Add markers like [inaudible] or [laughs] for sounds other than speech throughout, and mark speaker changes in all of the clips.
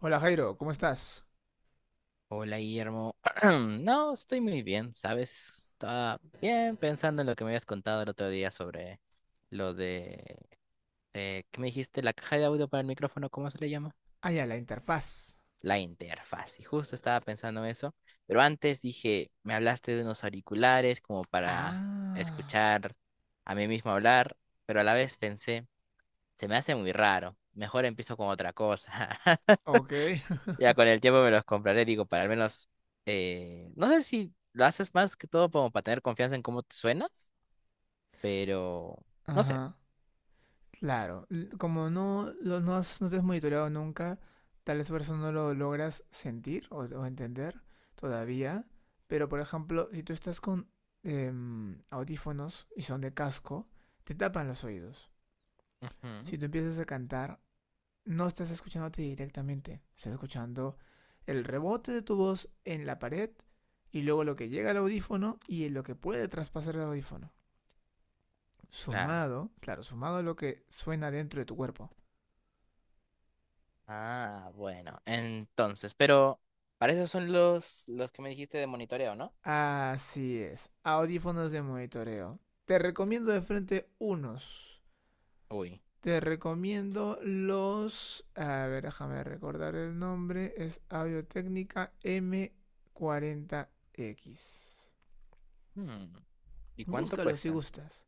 Speaker 1: Hola, Jairo, ¿cómo estás?
Speaker 2: Hola Guillermo. [clears throat] No, estoy muy bien, ¿sabes? Estaba bien pensando en lo que me habías contado el otro día sobre lo de, ¿qué me dijiste? La caja de audio para el micrófono, ¿cómo se le llama?
Speaker 1: Ah, ya, la interfaz.
Speaker 2: La interfaz. Y justo estaba pensando en eso. Pero antes dije, me hablaste de unos auriculares como para
Speaker 1: Ah,
Speaker 2: escuchar a mí mismo hablar, pero a la vez pensé, se me hace muy raro. Mejor empiezo con otra cosa.
Speaker 1: ok. [laughs]
Speaker 2: Ya con el tiempo me los compraré, digo, para al menos, no sé si lo haces más que todo como para tener confianza en cómo te suenas, pero no sé.
Speaker 1: Ajá, claro. L- Como no, lo- no, has- No te has monitoreado nunca, tal vez por eso no lo logras sentir o entender todavía. Pero por ejemplo, si tú estás con audífonos y son de casco, te tapan los oídos.
Speaker 2: Ujú,
Speaker 1: Si tú empiezas a cantar, no estás escuchándote directamente, estás escuchando el rebote de tu voz en la pared y luego lo que llega al audífono y lo que puede traspasar el audífono.
Speaker 2: claro.
Speaker 1: Sumado, claro, sumado a lo que suena dentro de tu cuerpo.
Speaker 2: Ah, bueno, entonces, pero para eso son los que me dijiste de monitoreo, ¿no?
Speaker 1: Así es, audífonos de monitoreo. Te recomiendo de frente unos.
Speaker 2: Uy.
Speaker 1: Te recomiendo los... A ver, déjame recordar el nombre. Es Audio Técnica m 40 x.
Speaker 2: hmm, ¿Y cuánto
Speaker 1: Búscalo si
Speaker 2: cuestan?
Speaker 1: gustas.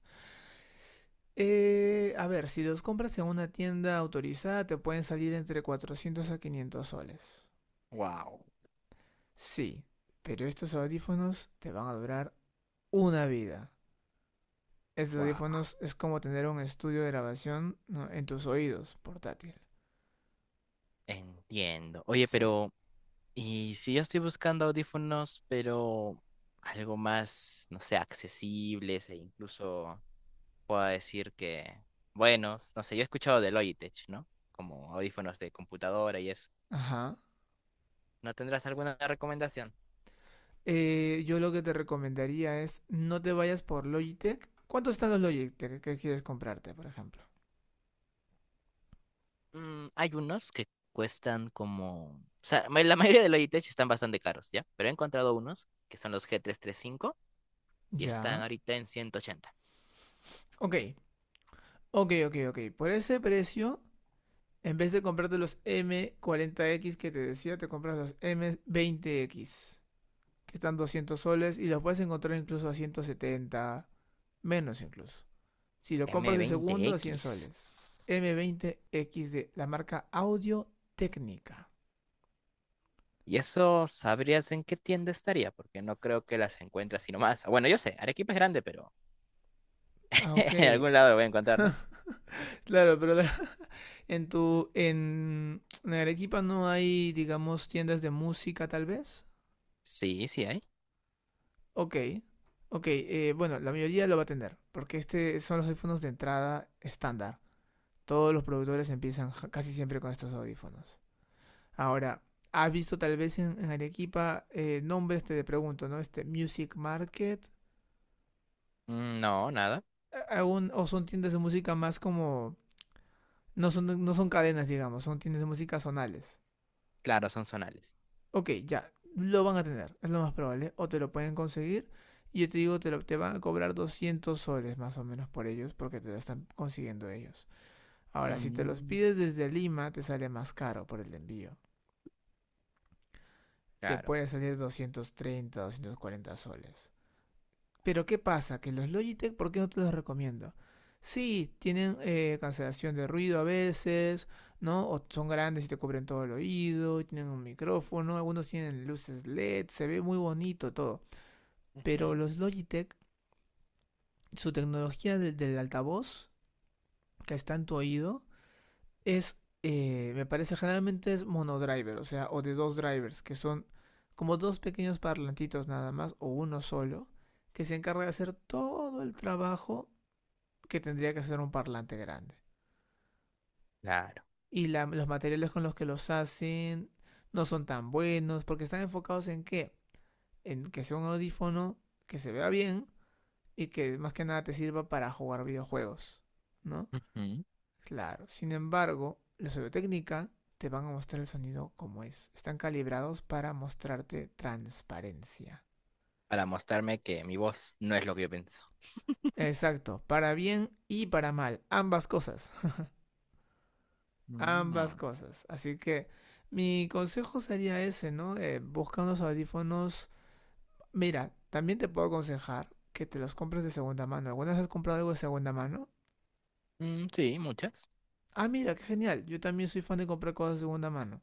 Speaker 1: A ver, si los compras en una tienda autorizada te pueden salir entre 400 a 500 soles.
Speaker 2: Wow,
Speaker 1: Sí, pero estos audífonos te van a durar una vida. Estos
Speaker 2: wow.
Speaker 1: audífonos es como tener un estudio de grabación, ¿no?, en tus oídos, portátil.
Speaker 2: Entiendo. Oye,
Speaker 1: Sí.
Speaker 2: pero, ¿y si yo estoy buscando audífonos, pero algo más, no sé, accesibles e incluso pueda decir que buenos? No sé, yo he escuchado de Logitech, ¿no? Como audífonos de computadora y eso.
Speaker 1: Ajá.
Speaker 2: ¿No tendrás alguna recomendación?
Speaker 1: Yo lo que te recomendaría es no te vayas por Logitech. ¿Cuántos están los Logitech que quieres comprarte, por ejemplo?
Speaker 2: Mm, hay unos que cuestan como, o sea, la mayoría de Logitech están bastante caros, ¿ya? Pero he encontrado unos que son los G335 y cinco y están
Speaker 1: Ya.
Speaker 2: ahorita en 180.
Speaker 1: Ok, ok. Por ese precio, en vez de comprarte los m 40 x que te decía, te compras los m 20 x que están 200 soles y los puedes encontrar incluso a 170, menos incluso. Si lo compras
Speaker 2: m
Speaker 1: de
Speaker 2: veinte
Speaker 1: segundo, a 100
Speaker 2: x
Speaker 1: soles. M veinte x de la marca Audio Técnica.
Speaker 2: Y eso sabrías en qué tienda estaría, porque no creo que las encuentres sino más. Bueno, yo sé, Arequipa es grande, pero
Speaker 1: Ah, ok.
Speaker 2: [laughs] en algún lado lo voy a encontrar, ¿no?
Speaker 1: Claro, pero en Arequipa no hay, digamos, tiendas de música tal vez.
Speaker 2: Sí, sí hay.
Speaker 1: Ok. Ok, bueno, la mayoría lo va a tener, porque este son los audífonos de entrada estándar. Todos los productores empiezan casi siempre con estos audífonos. Ahora, ¿has visto tal vez en Arequipa nombres, te pregunto, ¿no? Este Music Market,
Speaker 2: Mm, no, nada.
Speaker 1: o son tiendas de música más como... No son, no son cadenas, digamos, son tiendas de música zonales.
Speaker 2: Claro, son zonales.
Speaker 1: Ok, ya, lo van a tener, es lo más probable, o te lo pueden conseguir. Y yo te digo, te van a cobrar 200 soles más o menos por ellos porque te lo están consiguiendo ellos. Ahora, si te los
Speaker 2: Mm,
Speaker 1: pides desde Lima, te sale más caro por el envío. Te
Speaker 2: claro.
Speaker 1: puede salir 230, 240 soles. Pero ¿qué pasa? Que los Logitech, ¿por qué no te los recomiendo? Sí, tienen cancelación de ruido a veces, ¿no? O son grandes y te cubren todo el oído, tienen un micrófono, algunos tienen luces LED, se ve muy bonito todo.
Speaker 2: Ujú,
Speaker 1: Pero los Logitech, su tecnología del altavoz que está en tu oído, es, me parece, generalmente es monodriver, o sea, o de dos drivers, que son como dos pequeños parlantitos nada más, o uno solo, que se encarga de hacer todo el trabajo que tendría que hacer un parlante grande.
Speaker 2: claro.
Speaker 1: Y los materiales con los que los hacen no son tan buenos, porque están enfocados en ¿qué? En que sea un audífono que se vea bien y que más que nada te sirva para jugar videojuegos, ¿no?
Speaker 2: Ujú.
Speaker 1: Claro, sin embargo, los Audiotécnica te van a mostrar el sonido como es. Están calibrados para mostrarte transparencia.
Speaker 2: Para mostrarme que mi voz no es lo que yo pienso.
Speaker 1: Exacto, para bien y para mal, ambas cosas, [laughs] ambas
Speaker 2: Mm,
Speaker 1: cosas. Así que mi consejo sería ese, ¿no? Busca unos audífonos. Mira, también te puedo aconsejar que te los compres de segunda mano. ¿Alguna vez has comprado algo de segunda mano?
Speaker 2: mm, sí, muchas.
Speaker 1: Ah, mira, qué genial. Yo también soy fan de comprar cosas de segunda mano.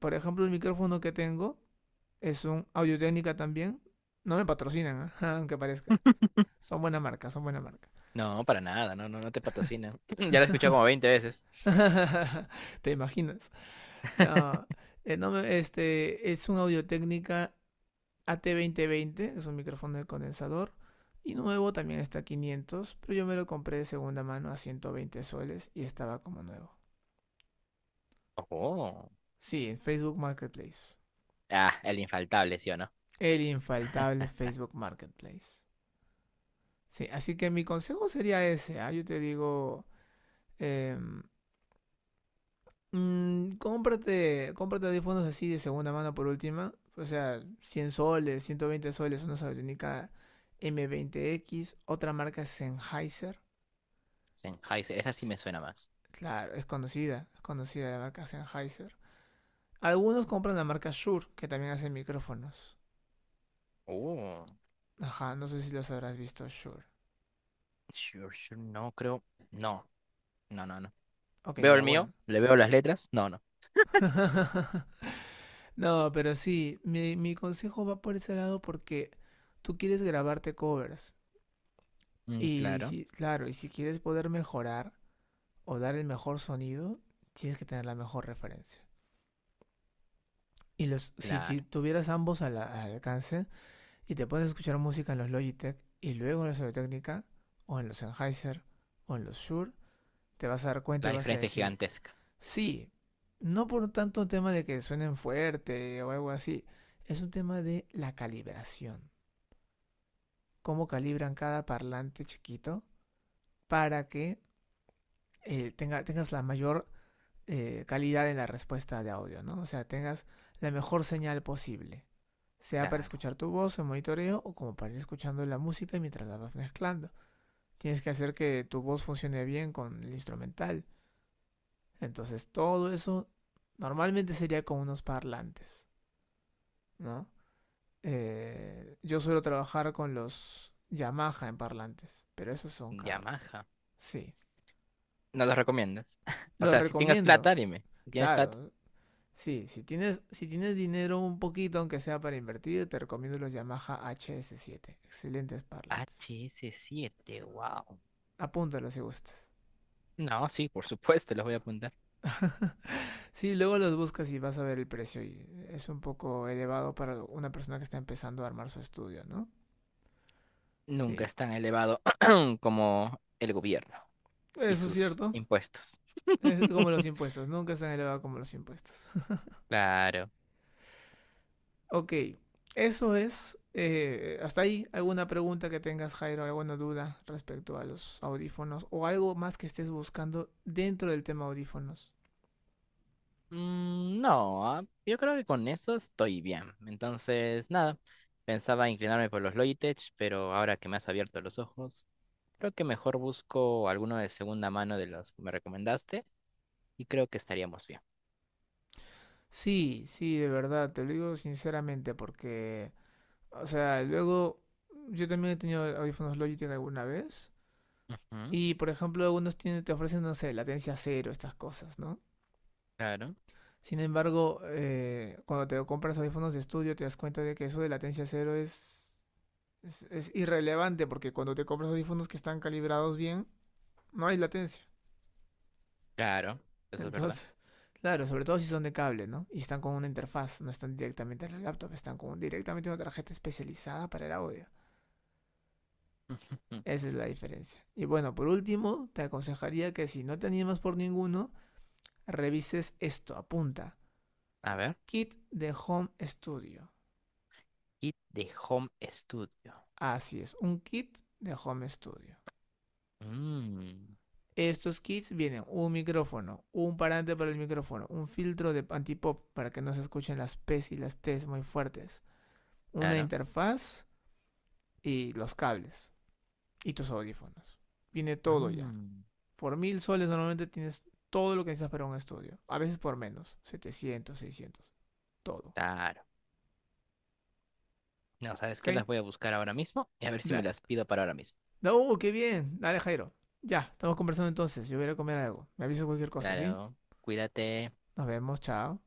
Speaker 1: Por ejemplo, el micrófono que tengo es un audio técnica también. No me patrocinan, ¿ah? [laughs] aunque parezca. Son buena marca, son buena marca.
Speaker 2: No, para nada, no, no, no te patrocina. [clears throat] Ya la he escuchado como
Speaker 1: [laughs]
Speaker 2: 20 veces.
Speaker 1: ¿Te imaginas? No, no este es un audio técnica AT2020, es un micrófono de condensador. Y nuevo también está a 500, pero yo me lo compré de segunda mano a 120 soles y estaba como nuevo.
Speaker 2: Oh.
Speaker 1: Sí, en Facebook Marketplace.
Speaker 2: Ah, el infaltable, ¿sí o no?
Speaker 1: El infaltable
Speaker 2: [laughs]
Speaker 1: Facebook Marketplace. Sí, así que mi consejo sería ese, ¿ah? Yo te digo, em, cómprate audífonos así de segunda mano por última. O sea, 100 soles, 120 soles, una Sony m 20 x. Otra marca es Sennheiser.
Speaker 2: Sennheiser, esa sí
Speaker 1: Sí,
Speaker 2: me suena más.
Speaker 1: claro, es conocida la marca Sennheiser. Algunos compran la marca Shure, que también hace micrófonos.
Speaker 2: Oh,
Speaker 1: Ajá, no sé si los habrás visto, Shure.
Speaker 2: sure, sure, no creo. No, no, no, no.
Speaker 1: Ok,
Speaker 2: ¿Veo
Speaker 1: ya,
Speaker 2: el mío?
Speaker 1: bueno.
Speaker 2: ¿Le veo las letras? No, no.
Speaker 1: [laughs] No, pero sí, mi consejo va por ese lado porque tú quieres grabarte covers.
Speaker 2: Mm,
Speaker 1: Y
Speaker 2: claro,
Speaker 1: sí, claro, y si quieres poder mejorar, o dar el mejor sonido, tienes que tener la mejor referencia. Y los, si, si
Speaker 2: claro.
Speaker 1: tuvieras ambos al alcance y te puedes escuchar música en los Logitech y luego en los audio Technica o en los Sennheiser, o en los Shure, te vas a dar cuenta
Speaker 2: La
Speaker 1: y vas a
Speaker 2: diferencia es
Speaker 1: decir,
Speaker 2: gigantesca.
Speaker 1: sí, no por tanto un tema de que suenen fuerte o algo así, es un tema de la calibración. Cómo calibran cada parlante chiquito para que tengas la mayor calidad en la respuesta de audio, ¿no? O sea, tengas la mejor señal posible, sea para
Speaker 2: Claro.
Speaker 1: escuchar tu voz en monitoreo o como para ir escuchando la música mientras la vas mezclando. Tienes que hacer que tu voz funcione bien con el instrumental. Entonces, todo eso normalmente sería con unos parlantes, ¿no? Yo suelo trabajar con los Yamaha en parlantes, pero esos son caros.
Speaker 2: Yamaha.
Speaker 1: Sí,
Speaker 2: No los recomiendas. [laughs] O
Speaker 1: los
Speaker 2: sea, si tengas
Speaker 1: recomiendo,
Speaker 2: plata, dime. Si tienes plata.
Speaker 1: claro. Sí, si tienes, si tienes dinero un poquito, aunque sea para invertir, te recomiendo los Yamaha HS7. Excelentes
Speaker 2: H
Speaker 1: parlantes.
Speaker 2: S siete wow.
Speaker 1: Apúntalos si gustas.
Speaker 2: No, sí, por supuesto, los voy a apuntar.
Speaker 1: Sí, luego los buscas y vas a ver el precio y es un poco elevado para una persona que está empezando a armar su estudio, ¿no?
Speaker 2: Nunca
Speaker 1: Sí,
Speaker 2: es tan elevado [clears throat] como el gobierno y
Speaker 1: eso es
Speaker 2: sus
Speaker 1: cierto.
Speaker 2: impuestos.
Speaker 1: Es como los
Speaker 2: [laughs]
Speaker 1: impuestos, nunca es tan elevado como los impuestos. [laughs]
Speaker 2: Claro.
Speaker 1: Ok, eso es. Hasta ahí, ¿alguna pregunta que tengas, Jairo? ¿Alguna duda respecto a los audífonos? ¿O algo más que estés buscando dentro del tema audífonos?
Speaker 2: Mm, no, ah, yo creo que con eso estoy bien. Entonces, nada, pensaba inclinarme por los Logitech, pero ahora que me has abierto los ojos, creo que mejor busco alguno de segunda mano de los que me recomendaste y creo que estaríamos bien.
Speaker 1: Sí, sí, de verdad, te lo digo sinceramente porque, o sea, luego yo también he tenido audífonos Logitech alguna vez
Speaker 2: Ujú,
Speaker 1: y, por ejemplo, algunos tienen- te ofrecen, no sé, latencia cero, estas cosas, ¿no?
Speaker 2: claro.
Speaker 1: Sin embargo, cuando te compras audífonos de estudio te das cuenta de que eso de latencia cero es irrelevante porque cuando te compras audífonos que están calibrados bien, no hay latencia.
Speaker 2: Claro, eso es verdad.
Speaker 1: Entonces, claro, sobre todo si son de cable, ¿no? Y están con una interfaz, no están directamente en la laptop, están con directamente una tarjeta especializada para el audio.
Speaker 2: [laughs]
Speaker 1: Esa es la diferencia. Y bueno, por último, te aconsejaría que si no te animas por ninguno, revises esto, apunta.
Speaker 2: A ver,
Speaker 1: Kit de Home Studio.
Speaker 2: kit de home studio.
Speaker 1: Así es, un kit de Home Studio.
Speaker 2: Mm,
Speaker 1: Estos kits vienen un micrófono, un parante para el micrófono, un filtro de antipop para que no se escuchen las P's y las T's muy fuertes, una
Speaker 2: claro.
Speaker 1: interfaz y los cables y tus audífonos. Viene todo ya.
Speaker 2: Mm,
Speaker 1: Por 1000 soles normalmente tienes todo lo que necesitas para un estudio. A veces por menos. 700, 600. Todo.
Speaker 2: claro. No, ¿sabes
Speaker 1: ¿Ok?
Speaker 2: qué? Las voy a buscar ahora mismo y a ver si me
Speaker 1: Da,
Speaker 2: las pido para ahora mismo.
Speaker 1: ¡Uh, qué bien! Dale, Jairo. Ya, estamos conversando entonces. Yo voy a ir a comer algo. Me aviso cualquier cosa, ¿sí?
Speaker 2: Claro, cuídate.
Speaker 1: Nos vemos. Chao.